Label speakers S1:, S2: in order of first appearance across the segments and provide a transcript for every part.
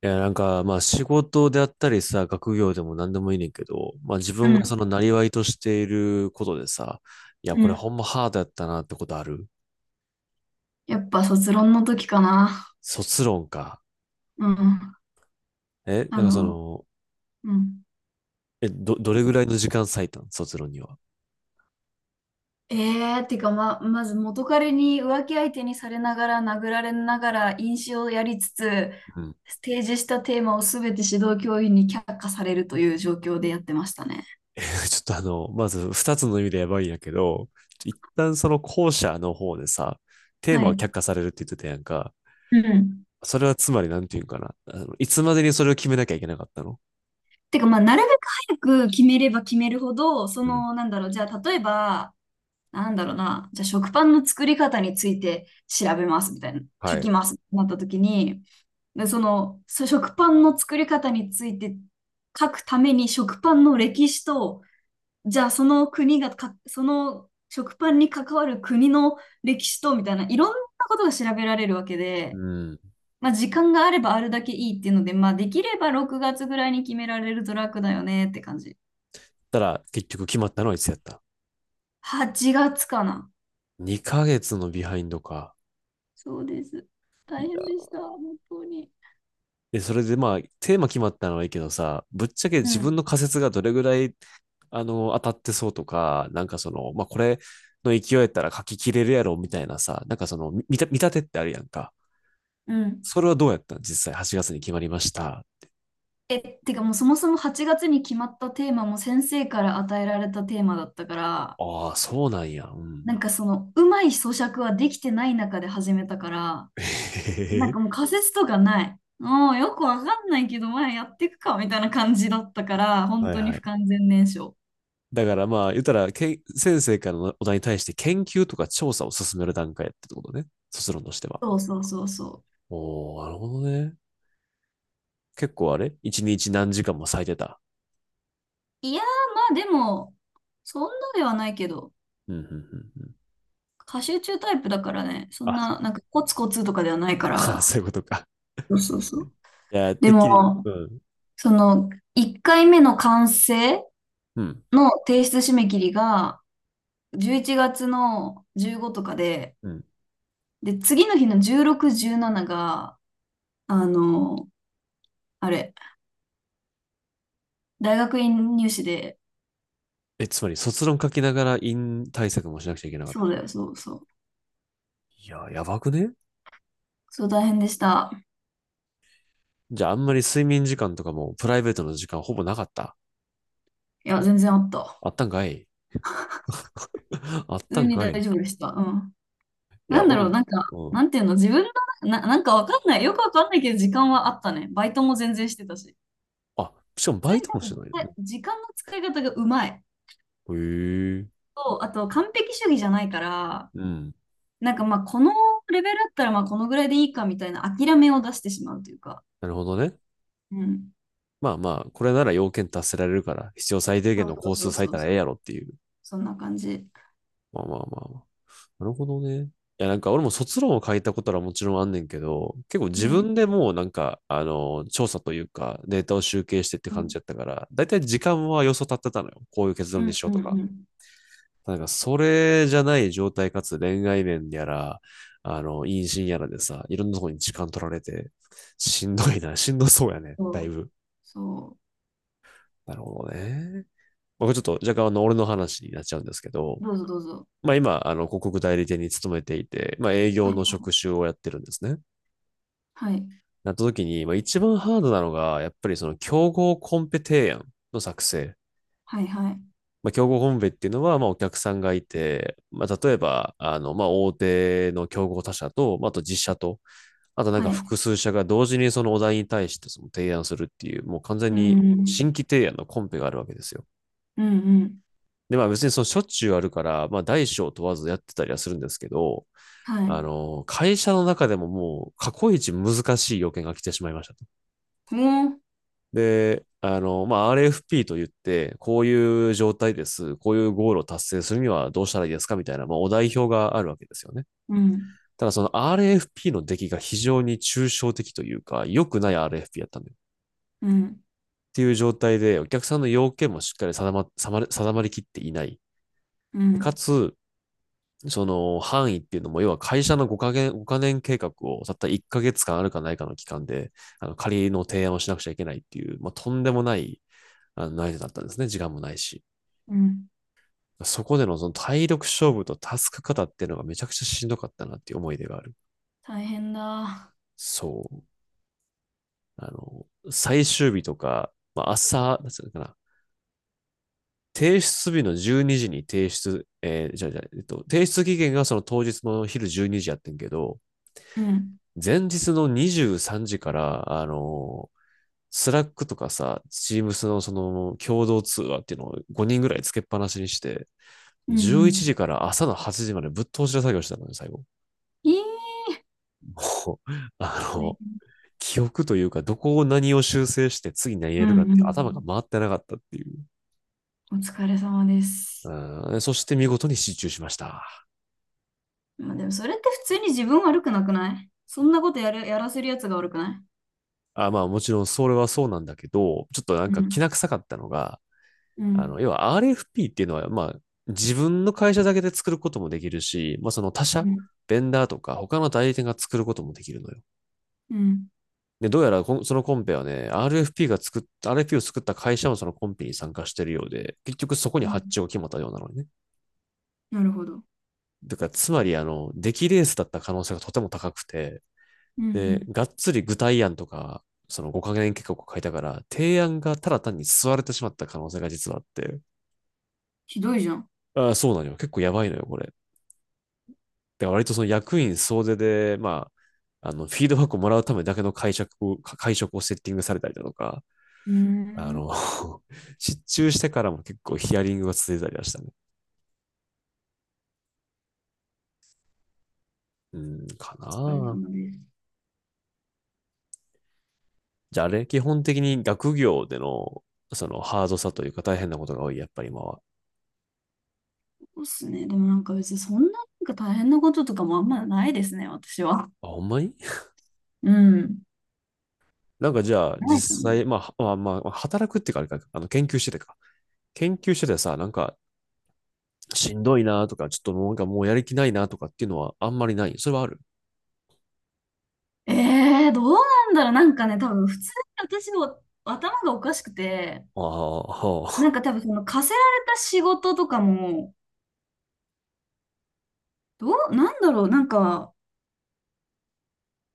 S1: いや、なんか、まあ仕事であったりさ、学業でも何でもいいねんけど、まあ自
S2: う
S1: 分がそ
S2: ん、
S1: のなりわいとしていることでさ、いや、
S2: う
S1: これ
S2: ん。
S1: ほんまハードやったなってことある？
S2: やっぱ卒論の時かな。
S1: 卒論か。
S2: うん。あ
S1: なんかそ
S2: の、
S1: の、
S2: うん。
S1: どれぐらいの時間割いたん卒論には？
S2: えってかまず元彼に浮気相手にされながら殴られながら飲酒をやりつつ、
S1: うん。
S2: 提示したテーマをすべて指導教員に却下されるという状況でやってましたね。
S1: え、ちょっとあの、まず二つの意味でやばいんやけど、一旦その後者の方でさ、テー
S2: は
S1: マを却
S2: い。
S1: 下されるって言ってたやんか。
S2: うん。
S1: それはつまりなんていうんかな。あの、いつまでにそれを決めなきゃいけなかったの？
S2: てか、まあ、なるべく早く決めれば決めるほど、そ
S1: うん。
S2: の、なんだろう、じゃあ、例えば、なんだろうな、じゃあ食パンの作り方について調べますみたいな、書
S1: はい。
S2: きますってなった時に、でその食パンの作り方について書くために食パンの歴史と、じゃあその国がか、その食パンに関わる国の歴史とみたいな、いろんなことが調べられるわけ
S1: う
S2: で、
S1: ん。
S2: まあ、時間があればあるだけいいっていうので、まあ、できれば6月ぐらいに決められると楽だよねって感じ。
S1: たら結局決まったのはいつやった？
S2: 8月かな。
S1: 2ヶ月のビハインドか。
S2: そうです。
S1: い
S2: 大
S1: や。
S2: 変でした、本当に。
S1: で、それでまあ、テーマ決まったのはいいけどさ、ぶっちゃけ
S2: う
S1: 自分
S2: ん。
S1: の仮説がどれぐらい、あの、当たってそうとか、なんかその、まあこれの勢いやったら書き切れるやろみたいなさ、なんかその、み見た、見立てってあるやんか。
S2: うん。
S1: それはどうやったの、実際8月に決まりました？
S2: え、てかもうそもそも8月に決まったテーマも先生から与えられたテーマだったから、
S1: ああ、そうなんや。う
S2: なん
S1: ん。
S2: かそのうまい咀嚼はできてない中で始めたから、
S1: へ
S2: な
S1: へ
S2: ん
S1: へ。
S2: かもう仮説とかない。もうよくわかんないけど、まあやっていくかみたいな感じだったから、本
S1: はい
S2: 当に
S1: は
S2: 不
S1: い。
S2: 完全燃焼。
S1: だからまあ、言ったら、けん先生からのお題に対して研究とか調査を進める段階やってことね。卒論としては。
S2: そうそうそうそう。
S1: おー、なるほどね。結構あれ一日何時間も咲いてた？
S2: いやー、まあでも、そんなではないけど、
S1: うん、うん、うんうん。
S2: 過集中タイプだからね、そん
S1: あ、
S2: な、なんかコツコツとかではないか
S1: そ
S2: ら。
S1: ういうことか。
S2: そうそうそう。
S1: いや、
S2: で
S1: てっきり、
S2: も、
S1: うん、
S2: その、1回目の完成
S1: うん、
S2: の提出締め切りが11月の15とかで、
S1: うん。
S2: で、次の日の16、17が、あの、あれ、大学院入試で。
S1: つまり卒論書きながら院対策もしなくちゃいけなかった？
S2: そうだよ、そうそう。
S1: いや、やばくね？
S2: そう大変でした。
S1: じゃああんまり睡眠時間とかもプライベートの時間ほぼなかった？
S2: いや、全然あった。
S1: あったんかい。 あっ
S2: 普
S1: た
S2: 通
S1: ん
S2: に
S1: か
S2: 大
S1: いい。
S2: 丈夫でした。うん。な
S1: や、
S2: んだ
S1: 俺
S2: ろ
S1: も、
S2: う、なんか、
S1: うん。
S2: なんていうの、自分の、なんかわかんない。よくわかんないけど、時間はあったね。バイトも全然してたし。
S1: あ、しかも
S2: 普通
S1: バ
S2: に
S1: イトも
S2: 多
S1: して
S2: 分、
S1: ないよね。
S2: 時間の使い方がうまい。
S1: へえ。
S2: と、あと、完璧主義じゃないから、
S1: うん。
S2: なんかまあ、このレベルだったらまあ、このぐらいでいいかみたいな諦めを出してしまうというか。
S1: なるほどね。
S2: うん。
S1: まあまあ、これなら要件達せられるから、必要最低限
S2: そう
S1: の
S2: そ
S1: 工
S2: う
S1: 数
S2: そう
S1: 割い
S2: そ
S1: た
S2: う
S1: らええ
S2: そ
S1: や
S2: う。
S1: ろっていう。
S2: そんな感じ。
S1: まあまあまあまあ。なるほどね。いや、なんか俺も卒論を書いたことはもちろんあんねんけど、結構
S2: う
S1: 自
S2: ん。
S1: 分でもうなんか、あの、調査というか、データを集計してって
S2: う
S1: 感じ
S2: ん。
S1: やったから、だいたい時間は予想立ってたのよ。こういう結
S2: う
S1: 論に
S2: ん
S1: しよ
S2: う
S1: う
S2: ん
S1: とか。
S2: うん。
S1: なんか、それじゃない状態かつ恋愛面やら、あの、妊娠やらでさ、いろんなとこに時間取られて、しんどいな、しんどそうやね。
S2: そ
S1: だい
S2: う。
S1: ぶ。
S2: そ
S1: なるほどね。まあこれちょっと若干あの、俺の話になっちゃうんですけど、
S2: う。どうぞどうぞ。
S1: まあ今、あの、広告代理店に勤めていて、まあ営
S2: は
S1: 業
S2: い
S1: の職種をやってるんですね。
S2: はい。
S1: なった時に、まあ一番ハードなのが、やっぱりその競合コンペ提案の作成。
S2: はいはい。
S1: まあ競合コンペっていうのは、まあお客さんがいて、まあ例えば、あの、まあ大手の競合他社と、まああと実社と、あとなんか
S2: はい。
S1: 複数社が同時にそのお題に対してその提案するっていう、もう完全
S2: う
S1: に新
S2: ん。
S1: 規提案のコンペがあるわけですよ。
S2: うんうん。
S1: で、まあ別にそのしょっちゅうあるから、まあ大小問わずやってたりはするんですけど、
S2: はい。
S1: あの、会社の中でももう過去一難しい要件が来てしまいましたと。
S2: もう。
S1: で、あの、まあ、RFP と言って、こういう状態です。こういうゴールを達成するにはどうしたらいいですかみたいな、まあ、お代表があるわけですよね。
S2: うん。
S1: ただその RFP の出来が非常に抽象的というか、良くない RFP やったんだよ。
S2: うん。
S1: っていう状態で、お客さんの要件もしっかり定まりきっていない。
S2: う
S1: か
S2: ん。
S1: つ、その範囲っていうのも、要は会社の5か月、5年計画をたった1ヶ月間あるかないかの期間で、あの仮の提案をしなくちゃいけないっていう、まあ、とんでもないあのだったんですね。時間もないし。
S2: うん。
S1: そこでのその体力勝負とタスク型っていうのがめちゃくちゃしんどかったなっていう思い出がある。
S2: 大変だ。
S1: そう。あの、最終日とか、まあ、朝、なんていうのかな。提出日の12時にじに提出、えーじゃあじゃあえっと、提出期限がその当日の昼12時やってんけど、
S2: うん。
S1: 前日の23時から、あの、スラックとかさ、チームスのその共同通話っていうのを5人ぐらいつけっぱなしにして、
S2: うんうん
S1: 11
S2: う
S1: 時
S2: ん。
S1: から朝の8時までぶっ通しで作業してたのね、最後。
S2: いい。
S1: もう、あ
S2: 大
S1: の、
S2: 変。
S1: 記憶というか、どこを何を修正して次何入
S2: う
S1: れるか
S2: ん
S1: っ
S2: うんう
S1: て頭が
S2: ん。
S1: 回ってなかったっていう。
S2: お疲れ様です。
S1: うん、そして見事に失注しました。
S2: まあでもそれって普通に自分悪くなくない、そんなことやらせるやつが悪くな
S1: あ、まあもちろんそれはそうなんだけど、ちょっとなん
S2: い。う
S1: か気
S2: ん、
S1: な臭かったのが、
S2: う
S1: あの、
S2: ん、
S1: 要は RFP っていうのは、まあ、自分の会社だけで作ることもできるし、まあ、その他
S2: う
S1: 社、
S2: ん、
S1: ベンダーとか他の代理店が作ることもできるのよ。
S2: うん、
S1: で、どうやらそのコンペはね、RFP を作った会社もそのコンペに参加してるようで、結局そこに
S2: う
S1: 発
S2: ん。
S1: 注が決まったようなのね。
S2: なるほど。
S1: だから、つまり、あの、出来レースだった可能性がとても高くて、
S2: うん、うん。
S1: で、がっつり具体案とか、その5カ年計画を書いたから、提案がただ単に吸われてしまった可能性が実はあって、
S2: ひどいじゃん。
S1: ああ、そうなのよ。結構やばいのよ、これ。で割とその役員総出で、まあ、あの、フィードバックをもらうためだけの会食をセッティングされたりだとか、
S2: うー
S1: あ
S2: ん。
S1: の、失注してからも結構ヒアリングが続いたりはしたね。うん、か
S2: 疲れた
S1: な。
S2: のです。
S1: じゃああれ、基本的に学業での、そのハードさというか大変なことが多い、やっぱり今は？
S2: そうっすね。でもなんか別にそんななんか大変なこととかもあんまないですね、私は。
S1: あ、ほんまに？
S2: うん。
S1: なんかじゃあ
S2: ないか
S1: 実
S2: も。
S1: 際、まあ、働くっていうかあれか、あの、研究しててか。研究しててさ、なんか、しんどいなとか、ちょっともうなんかもうやる気ないなとかっていうのはあんまりない。それはある？
S2: えどうなんだろう。なんかね、多分普通に私の頭がおかしくて、
S1: ああ、
S2: な
S1: は。
S2: んか多分その課せられた仕事とかも、どう、なんだろう。なんか、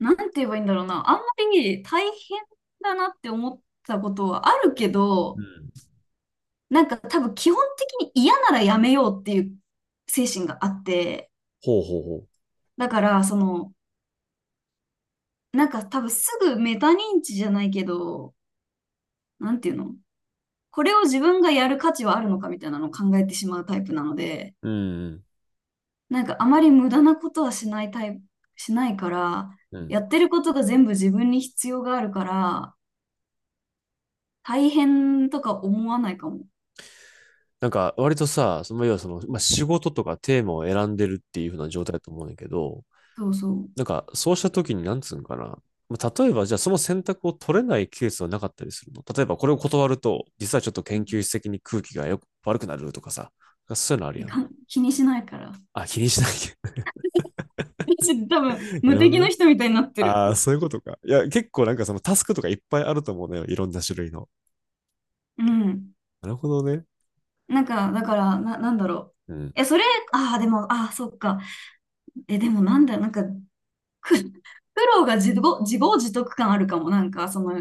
S2: なんて言えばいいんだろうな。あんまり大変だなって思ったことはあるけ
S1: う
S2: ど、
S1: ん。
S2: なんか多分基本的に嫌ならやめようっていう精神があって、
S1: ほうほうほ
S2: だからその、なんか多分すぐメタ認知じゃないけど、なんていうの、これを自分がやる価値はあるのかみたいなのを考えてしまうタイプなので、
S1: う。うんうん
S2: なんかあまり無駄なことはしないタイプ、しないから、
S1: うん。
S2: やってることが全部自分に必要があるから、大変とか思わないかも。
S1: なんか、割とさ、その、要はその、まあ、仕事とかテーマを選んでるっていう風な状態だと思うんだけど、
S2: そうそう。
S1: なんか、そうした時に、なんつうんかな。まあ、例えば、じゃあ、その選択を取れないケースはなかったりするの、例えば、これを断ると、実はちょっと研究室的に空気が悪くなるとかさ。そういうのある
S2: え
S1: やん。
S2: かん気にしないから。
S1: あ、気にしないけ
S2: 私多
S1: ど。
S2: 分
S1: な
S2: 無
S1: るほ
S2: 敵
S1: ど
S2: の
S1: ね。
S2: 人みたいになってる。
S1: ああ、そういうことか。いや、結構なんかそのタスクとかいっぱいあると思うのよ。いろんな種類の。
S2: うん。
S1: なるほどね。
S2: なんか、だから、なんだろう。
S1: うん。
S2: え、それ、ああ、でも、ああ、そっか。え、でもなんだよ、なんか、苦労が自業自得感あるかも。なんか、その、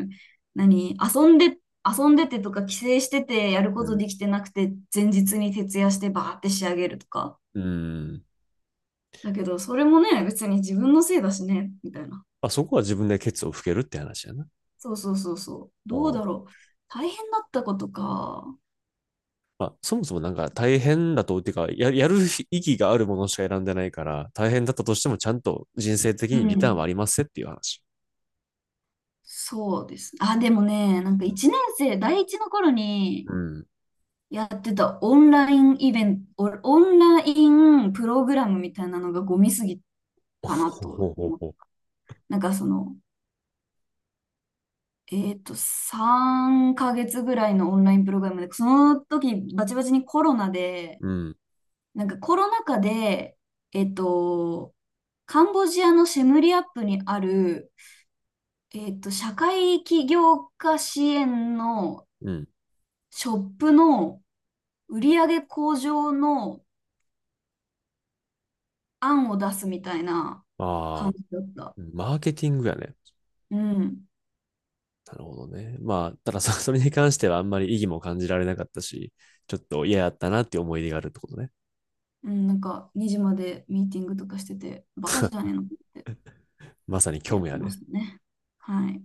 S2: 何、遊んでてとか、帰省してて、やる
S1: う
S2: こと
S1: ん。
S2: できてなくて、前日に徹夜してバーって仕上げるとか。
S1: うん。
S2: だけど、それもね、別に自分のせいだしね、みたいな。
S1: まあ、そこは自分でケツを拭けるって話やな。
S2: そうそうそうそう。
S1: う
S2: どう
S1: ん。
S2: だろう。大変だったことか。
S1: まあ、そもそもなんか大変だと、っていうか、やる意義があるものしか選んでないから、大変だったとしてもちゃんと人生的
S2: う
S1: にリターンは
S2: ん。
S1: ありますっていう話。
S2: そうです。あ、でもね、なんか1年生、第1の頃に
S1: うん。
S2: やってたオンラインプログラムみたいなのがゴミすぎ
S1: ほ
S2: たなとは
S1: ほほ
S2: 思う。
S1: ほ。
S2: なんかその、3ヶ月ぐらいのオンラインプログラムで、その時バチバチにコロナ で、
S1: うん。
S2: なんかコロナ禍で、えっと、カンボジアのシェムリアップにある、社会起業家支援の
S1: うん。
S2: ショップの売り上げ向上の案を出すみたいな
S1: あ
S2: 感
S1: あ、
S2: じだった。
S1: マーケティングやね。
S2: うん。
S1: なるほどね。まあ、ただそ、それに関してはあんまり意義も感じられなかったし、ちょっと嫌やったなっていう思い出があるってことね。
S2: うん、なんか2時までミーティングとかしてて、バカじゃねえのって
S1: まさに虚
S2: やっ
S1: 無
S2: て
S1: や
S2: ま
S1: ね。
S2: したね。はい。